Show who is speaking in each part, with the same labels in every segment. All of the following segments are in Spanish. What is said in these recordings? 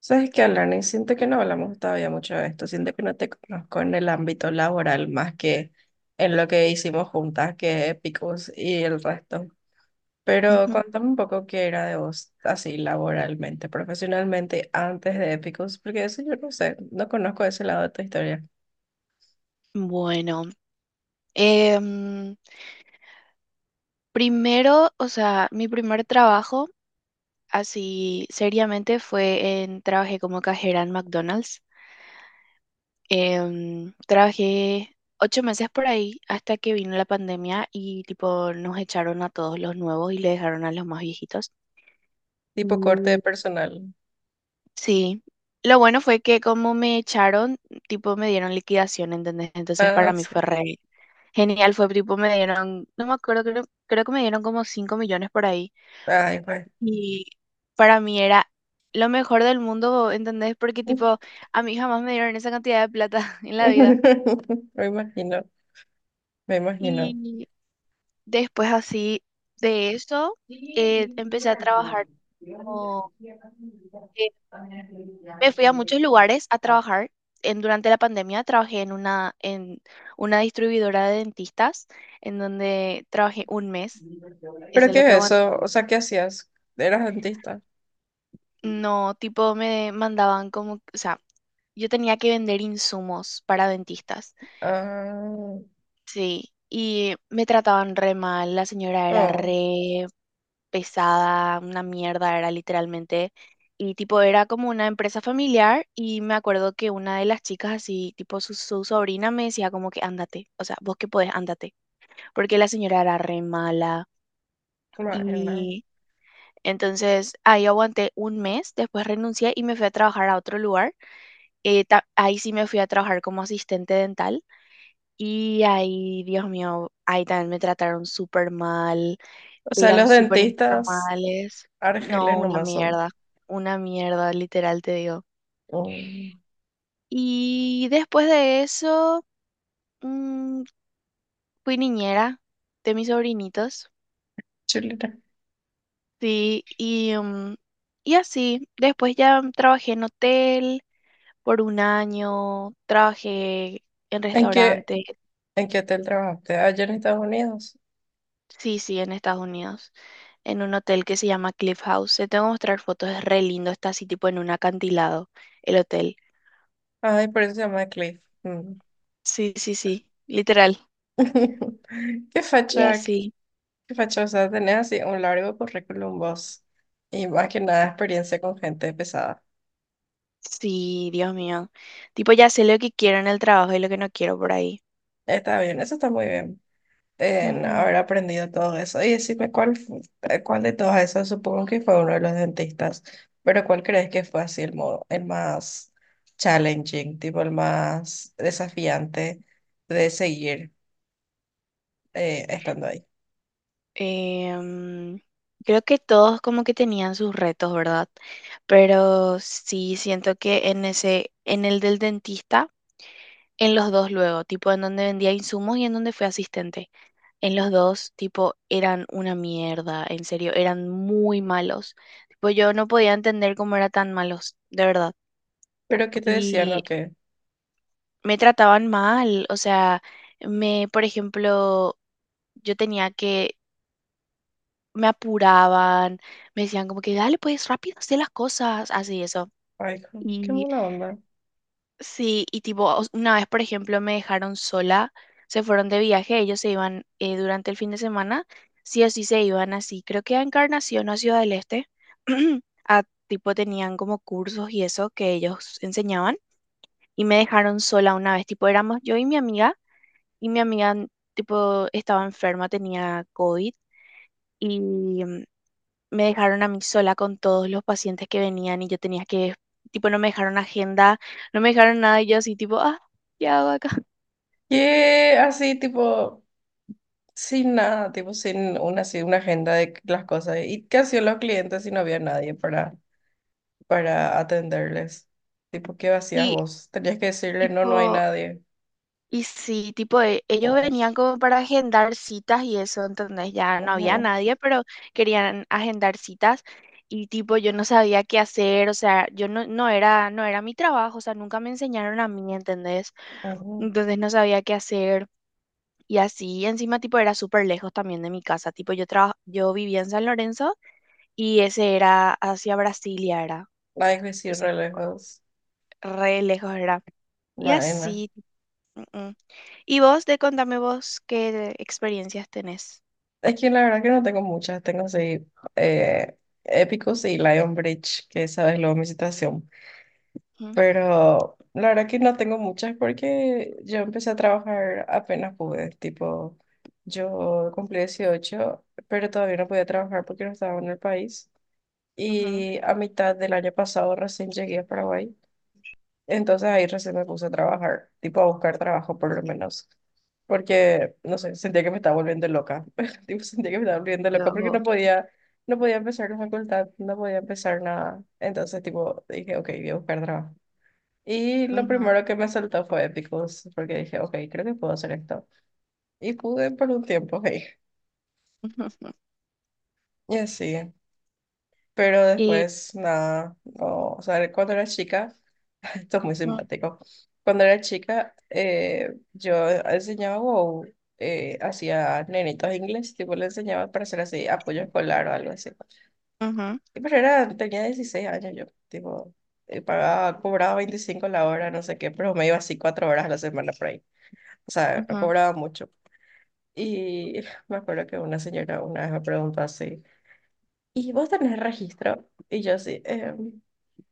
Speaker 1: Sabes que, Alani, siento que no hablamos todavía mucho de esto, siento que no te conozco en el ámbito laboral más que en lo que hicimos juntas, que Epicus y el resto. Pero
Speaker 2: Ujú.
Speaker 1: cuéntame un poco qué era de vos, así laboralmente, profesionalmente, antes de Epicus, porque eso yo no sé, no conozco ese lado de tu historia.
Speaker 2: Bueno, em, primero, o sea, mi primer trabajo así seriamente trabajé como cajera en McDonald's. Trabajé 8 meses por ahí hasta que vino la pandemia y tipo nos echaron a todos los nuevos y le dejaron a los más viejitos.
Speaker 1: Tipo corte
Speaker 2: Mm,
Speaker 1: de personal.
Speaker 2: sí, lo bueno fue que como me echaron, tipo me dieron liquidación, ¿entendés? Entonces para
Speaker 1: Ah,
Speaker 2: mí fue
Speaker 1: sí.
Speaker 2: re genial. Fue tipo, me dieron, no me acuerdo, creo que me dieron como 5 millones por ahí.
Speaker 1: Ay, pues.
Speaker 2: Y para mí era lo mejor del mundo, ¿entendés? Porque tipo, a mí jamás me dieron esa cantidad de plata en la vida.
Speaker 1: Me imagino, me imagino.
Speaker 2: Y después así de eso, empecé a trabajar como, eh, me fui a muchos lugares a trabajar. Durante la pandemia trabajé en una distribuidora de dentistas, en donde trabajé un mes. Eso
Speaker 1: ¿Pero
Speaker 2: es
Speaker 1: qué
Speaker 2: lo que...
Speaker 1: es eso? O sea, ¿qué hacías? ¿Eras dentista?
Speaker 2: No, tipo me mandaban como, o sea, yo tenía que vender insumos para dentistas,
Speaker 1: Ah,
Speaker 2: sí, y me trataban re mal, la señora era
Speaker 1: no,
Speaker 2: re pesada, una mierda era literalmente, y tipo era como una empresa familiar y me acuerdo que una de las chicas así, tipo su sobrina me decía como que ándate, o sea, vos que podés, ándate, porque la señora era re mala
Speaker 1: imagina.
Speaker 2: y... Entonces ahí aguanté un mes, después renuncié y me fui a trabajar a otro lugar. Ahí sí me fui a trabajar como asistente dental y ahí, Dios mío, ahí también me trataron súper mal,
Speaker 1: O sea,
Speaker 2: eran
Speaker 1: los
Speaker 2: súper
Speaker 1: dentistas
Speaker 2: informales.
Speaker 1: argeles
Speaker 2: No,
Speaker 1: nomás son
Speaker 2: una mierda, literal te digo.
Speaker 1: un
Speaker 2: Y después de eso, mm, fui niñera de mis sobrinitos,
Speaker 1: chilena.
Speaker 2: sí, y, y así. Después ya trabajé en hotel por un año, trabajé en
Speaker 1: ¿En qué,
Speaker 2: restaurantes.
Speaker 1: en qué hotel trabajaste? Allá en Estados Unidos.
Speaker 2: Sí, sí, en Estados Unidos, en un hotel que se llama Cliff House. Te tengo que mostrar fotos, es re lindo, está así tipo en un acantilado el hotel.
Speaker 1: Ay, por eso se llama Cliff. Mm.
Speaker 2: Sí, sí, sí, literal.
Speaker 1: Qué
Speaker 2: Y
Speaker 1: facha, qué,
Speaker 2: así,
Speaker 1: qué facha. O sea, tenés así un largo currículum vos. Y más que nada experiencia con gente pesada.
Speaker 2: sí, Dios mío. Tipo, ya sé lo que quiero en el trabajo y lo que no quiero por ahí.
Speaker 1: Está bien, eso está muy bien en
Speaker 2: Ujú.
Speaker 1: haber aprendido todo eso. Y decime cuál, cuál de todos esos, supongo que fue uno de los dentistas, pero cuál crees que fue así el modo, el más challenging, tipo el más desafiante de seguir estando ahí.
Speaker 2: Em, creo que todos como que tenían sus retos, ¿verdad? Pero sí, siento que en ese, en el del dentista, en los dos luego, tipo en donde vendía insumos y en donde fui asistente. En los dos, tipo, eran una mierda, en serio, eran muy malos. Tipo, yo no podía entender cómo eran tan malos, de verdad.
Speaker 1: Pero ¿qué te decían,
Speaker 2: Y
Speaker 1: o qué?
Speaker 2: me trataban mal, o sea, me, por ejemplo, yo tenía que, me apuraban, me decían como que, dale, pues rápido, haz las cosas, así eso.
Speaker 1: Ay, qué mala onda.
Speaker 2: Sí, y tipo, una vez, por ejemplo, me dejaron sola, se fueron de viaje, ellos se iban durante el fin de semana, sí o sí se iban así, creo que a Encarnación o a Ciudad del Este, a, tipo tenían como cursos y eso que ellos enseñaban, y me dejaron sola una vez, tipo, éramos yo y mi amiga, y mi amiga, tipo, estaba enferma, tenía COVID, y mm, me dejaron a mí sola con todos los pacientes que venían y yo tenía que, tipo, no me dejaron agenda, no me dejaron nada y yo así, tipo, ah, ¿qué hago acá?
Speaker 1: Que así, tipo, sin nada, tipo, sin una, así, una agenda de las cosas. ¿Y qué hacían los clientes si no había nadie para atenderles? Tipo, ¿qué hacías
Speaker 2: Y
Speaker 1: vos? Tenías que decirle, no, no hay
Speaker 2: tipo,
Speaker 1: nadie.
Speaker 2: y sí, tipo, ellos venían
Speaker 1: Ay,
Speaker 2: como para agendar citas y eso, entonces ya no había
Speaker 1: ujú,
Speaker 2: nadie, pero querían agendar citas. Y tipo, yo no sabía qué hacer, o sea, yo no, no era mi trabajo, o sea, nunca me enseñaron a mí, ¿entendés?
Speaker 1: ujú.
Speaker 2: Entonces no sabía qué hacer. Y así encima tipo era súper lejos también de mi casa. Tipo yo vivía en San Lorenzo y ese era hacia Brasilia era.
Speaker 1: Ay, que sí,
Speaker 2: Entonces
Speaker 1: re lejos.
Speaker 2: re lejos era. Y
Speaker 1: Bueno,
Speaker 2: así. Mm, mm. Y vos, de contame vos qué experiencias tenés.
Speaker 1: es que la verdad que no tengo muchas, tengo así eh, Épicos y Lion Bridge, que sabes luego mi situación.
Speaker 2: Ujú,
Speaker 1: Pero la verdad que no tengo muchas porque yo empecé a trabajar apenas pude, tipo, yo cumplí 18, pero todavía no podía trabajar porque no estaba en el país.
Speaker 2: ujú.
Speaker 1: Y a mitad del año pasado recién llegué a Paraguay. Entonces ahí recién me puse a trabajar, tipo a buscar trabajo por lo menos, porque, no sé, sentía que me estaba volviendo loca, tipo sentía que me estaba volviendo
Speaker 2: Yo,
Speaker 1: loca porque
Speaker 2: ujú,
Speaker 1: no podía empezar la facultad, no podía empezar nada. Entonces, tipo, dije, ok, voy a buscar trabajo. Y lo primero que me saltó fue Epicus, porque dije, ok, creo que puedo hacer esto. Y pude por un tiempo, ok.
Speaker 2: ujú, ujú.
Speaker 1: Y así, pero
Speaker 2: Y
Speaker 1: después, nada, no, o sea, cuando era chica. Esto es muy
Speaker 2: ujú,
Speaker 1: simpático. Cuando era chica, yo enseñaba o hacía nenitos inglés, tipo le enseñaba para hacer así apoyo escolar o algo así.
Speaker 2: ujú,
Speaker 1: Pero era, tenía 16 años yo, tipo, pagaba, cobraba 25 la hora, no sé qué, pero me iba así 4 horas a la semana por ahí. O sea, no
Speaker 2: ujú.
Speaker 1: cobraba mucho. Y me acuerdo que una señora una vez me preguntó así, ¿y vos tenés registro? Y yo así: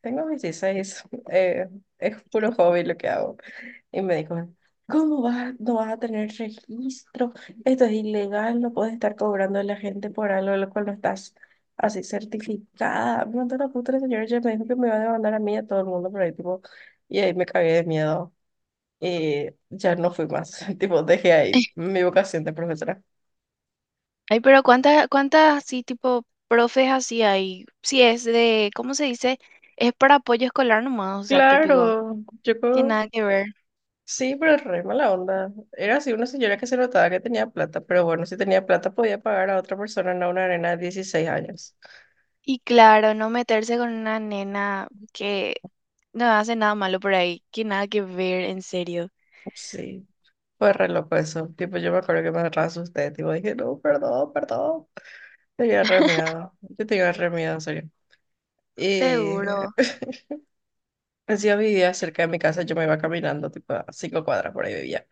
Speaker 1: tengo 16, eh, es puro hobby lo que hago". Y me dijo: "¿Cómo vas? No vas a tener registro, esto es ilegal, no puedes estar cobrando a la gente por algo de lo cual no estás así certificada". Me mandó la puta la señora y me dijo que me iba a demandar a mí y a todo el mundo por ahí, tipo, y ahí me cagué de miedo. Y ya no fui más, tipo, dejé ahí mi vocación de profesora.
Speaker 2: Ay, pero cuántas, cuántas así tipo profes así hay. Si es de, ¿cómo se dice? Es para apoyo escolar nomás, o sea, que pico,
Speaker 1: Claro,
Speaker 2: que nada que ver.
Speaker 1: sí, pero es re mala onda. Era así una señora que se notaba que tenía plata, pero bueno, si tenía plata podía pagar a otra persona, no a una arena de 16 años.
Speaker 2: Y claro, no meterse con una nena que no hace nada malo por ahí, que nada que ver, en serio.
Speaker 1: Sí. Fue re loco eso. Tipo, yo me acuerdo que me re asusté. Tipo, dije, no, perdón, perdón. Tenía re miedo. Yo tenía re miedo, en serio. Y
Speaker 2: Seguro.
Speaker 1: decía, vivía cerca de mi casa. Yo me iba caminando, tipo, a 5 cuadras por ahí vivía.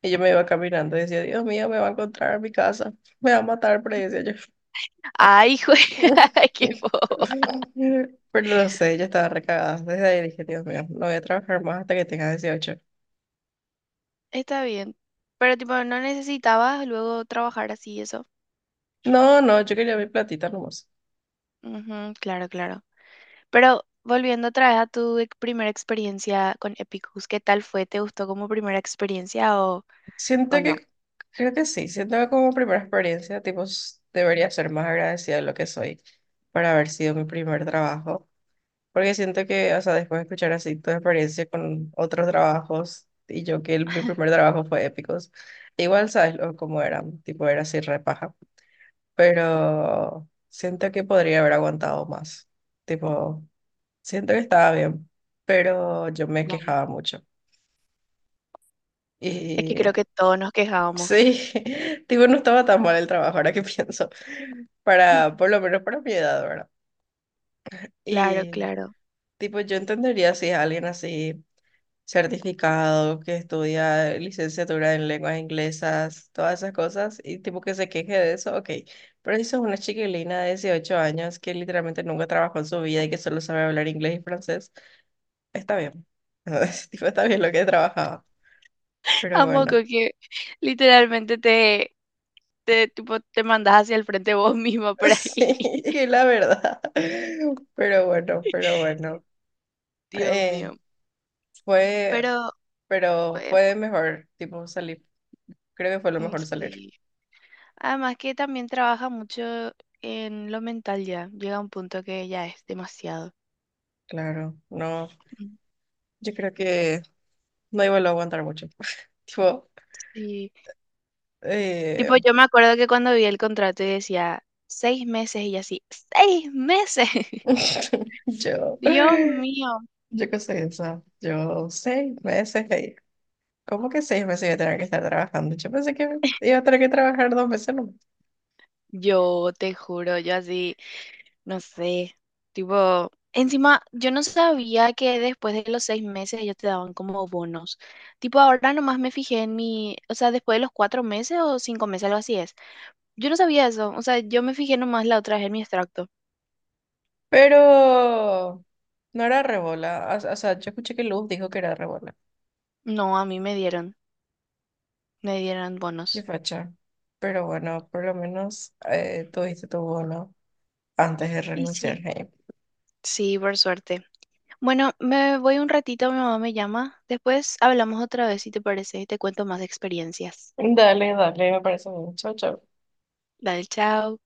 Speaker 1: Y yo me iba caminando y decía, Dios mío, me va a encontrar en mi casa. Me va a matar, pero decía yo.
Speaker 2: Ay, jue- ay, qué boba.
Speaker 1: Pero no sé, yo estaba recagada. Desde ahí dije, Dios mío, no voy a trabajar más hasta que tenga 18.
Speaker 2: Está bien. Pero tipo, no necesitabas luego trabajar así, eso.
Speaker 1: No, no, yo quería mi platita nomás.
Speaker 2: Ujú, claro, claro. Pero volviendo otra vez a tu primera experiencia con Epicus, ¿qué tal fue? ¿Te gustó como primera experiencia o
Speaker 1: Siento
Speaker 2: no?
Speaker 1: que, creo que sí, siento que como primera experiencia, tipo, debería ser más agradecida de lo que soy para haber sido mi primer trabajo, porque siento que, o sea, después de escuchar así tu experiencia con otros trabajos y yo que mi primer trabajo fue épicos, igual sabes cómo eran, tipo, era así repaja, pero siento que podría haber aguantado más, tipo, siento que estaba bien, pero yo me
Speaker 2: Bueno,
Speaker 1: quejaba mucho.
Speaker 2: es que
Speaker 1: Y
Speaker 2: creo que todos nos quejábamos.
Speaker 1: sí, tipo, no estaba tan mal el trabajo, ahora que pienso, para, por lo menos para mi edad, ¿verdad?
Speaker 2: Claro,
Speaker 1: Y,
Speaker 2: claro.
Speaker 1: tipo, yo entendería si es alguien así certificado, que estudia licenciatura en lenguas inglesas, todas esas cosas, y tipo que se queje de eso, ok. Pero si sos una chiquilina de 18 años que literalmente nunca trabajó en su vida y que solo sabe hablar inglés y francés, está bien. Tipo, está bien lo que trabajaba, pero
Speaker 2: A
Speaker 1: bueno.
Speaker 2: moco que literalmente tipo, te mandas hacia el frente vos mismo por ahí.
Speaker 1: Sí, la verdad. Pero bueno, pero bueno.
Speaker 2: Dios
Speaker 1: Eh,
Speaker 2: mío.
Speaker 1: fue,
Speaker 2: Pero
Speaker 1: pero
Speaker 2: eh,
Speaker 1: fue de mejor, tipo, salir. Creo que fue lo
Speaker 2: mm,
Speaker 1: mejor salir.
Speaker 2: sí. Además que también trabaja mucho en lo mental ya. Llega a un punto que ya es demasiado.
Speaker 1: Claro, no,
Speaker 2: Mm,
Speaker 1: yo creo que no iba a aguantar mucho. Tipo,
Speaker 2: sí. Tipo,
Speaker 1: eh,
Speaker 2: yo me acuerdo que cuando vi el contrato y decía 6 meses y yo así, 6 meses.
Speaker 1: yo,
Speaker 2: Dios mío.
Speaker 1: yo qué sé, o sea, yo 6 meses ahí. ¿Cómo que 6 meses iba a tener que estar trabajando? Yo pensé que iba a tener que trabajar 2 meses nomás.
Speaker 2: Yo te juro, yo así. No sé, tipo, encima yo no sabía que después de los 6 meses ellos te daban como bonos. Tipo, ahora nomás me fijé en mi, o sea, después de los 4 meses o 5 meses, algo así es. Yo no sabía eso, o sea, yo me fijé nomás la otra vez en mi extracto.
Speaker 1: Pero no era rebola. O sea, yo escuché que Luz dijo que era rebola.
Speaker 2: No, a mí me dieron,
Speaker 1: Qué
Speaker 2: bonos.
Speaker 1: facha. Pero bueno, por lo menos tuviste tu bono antes de
Speaker 2: Y
Speaker 1: renunciar.
Speaker 2: sí.
Speaker 1: Hey.
Speaker 2: Sí, por suerte. Bueno, me voy un ratito, mi mamá me llama. Después hablamos otra vez, si te parece, y te cuento más experiencias.
Speaker 1: Dale, dale, me parece bien, chau, chau
Speaker 2: Dale, chao.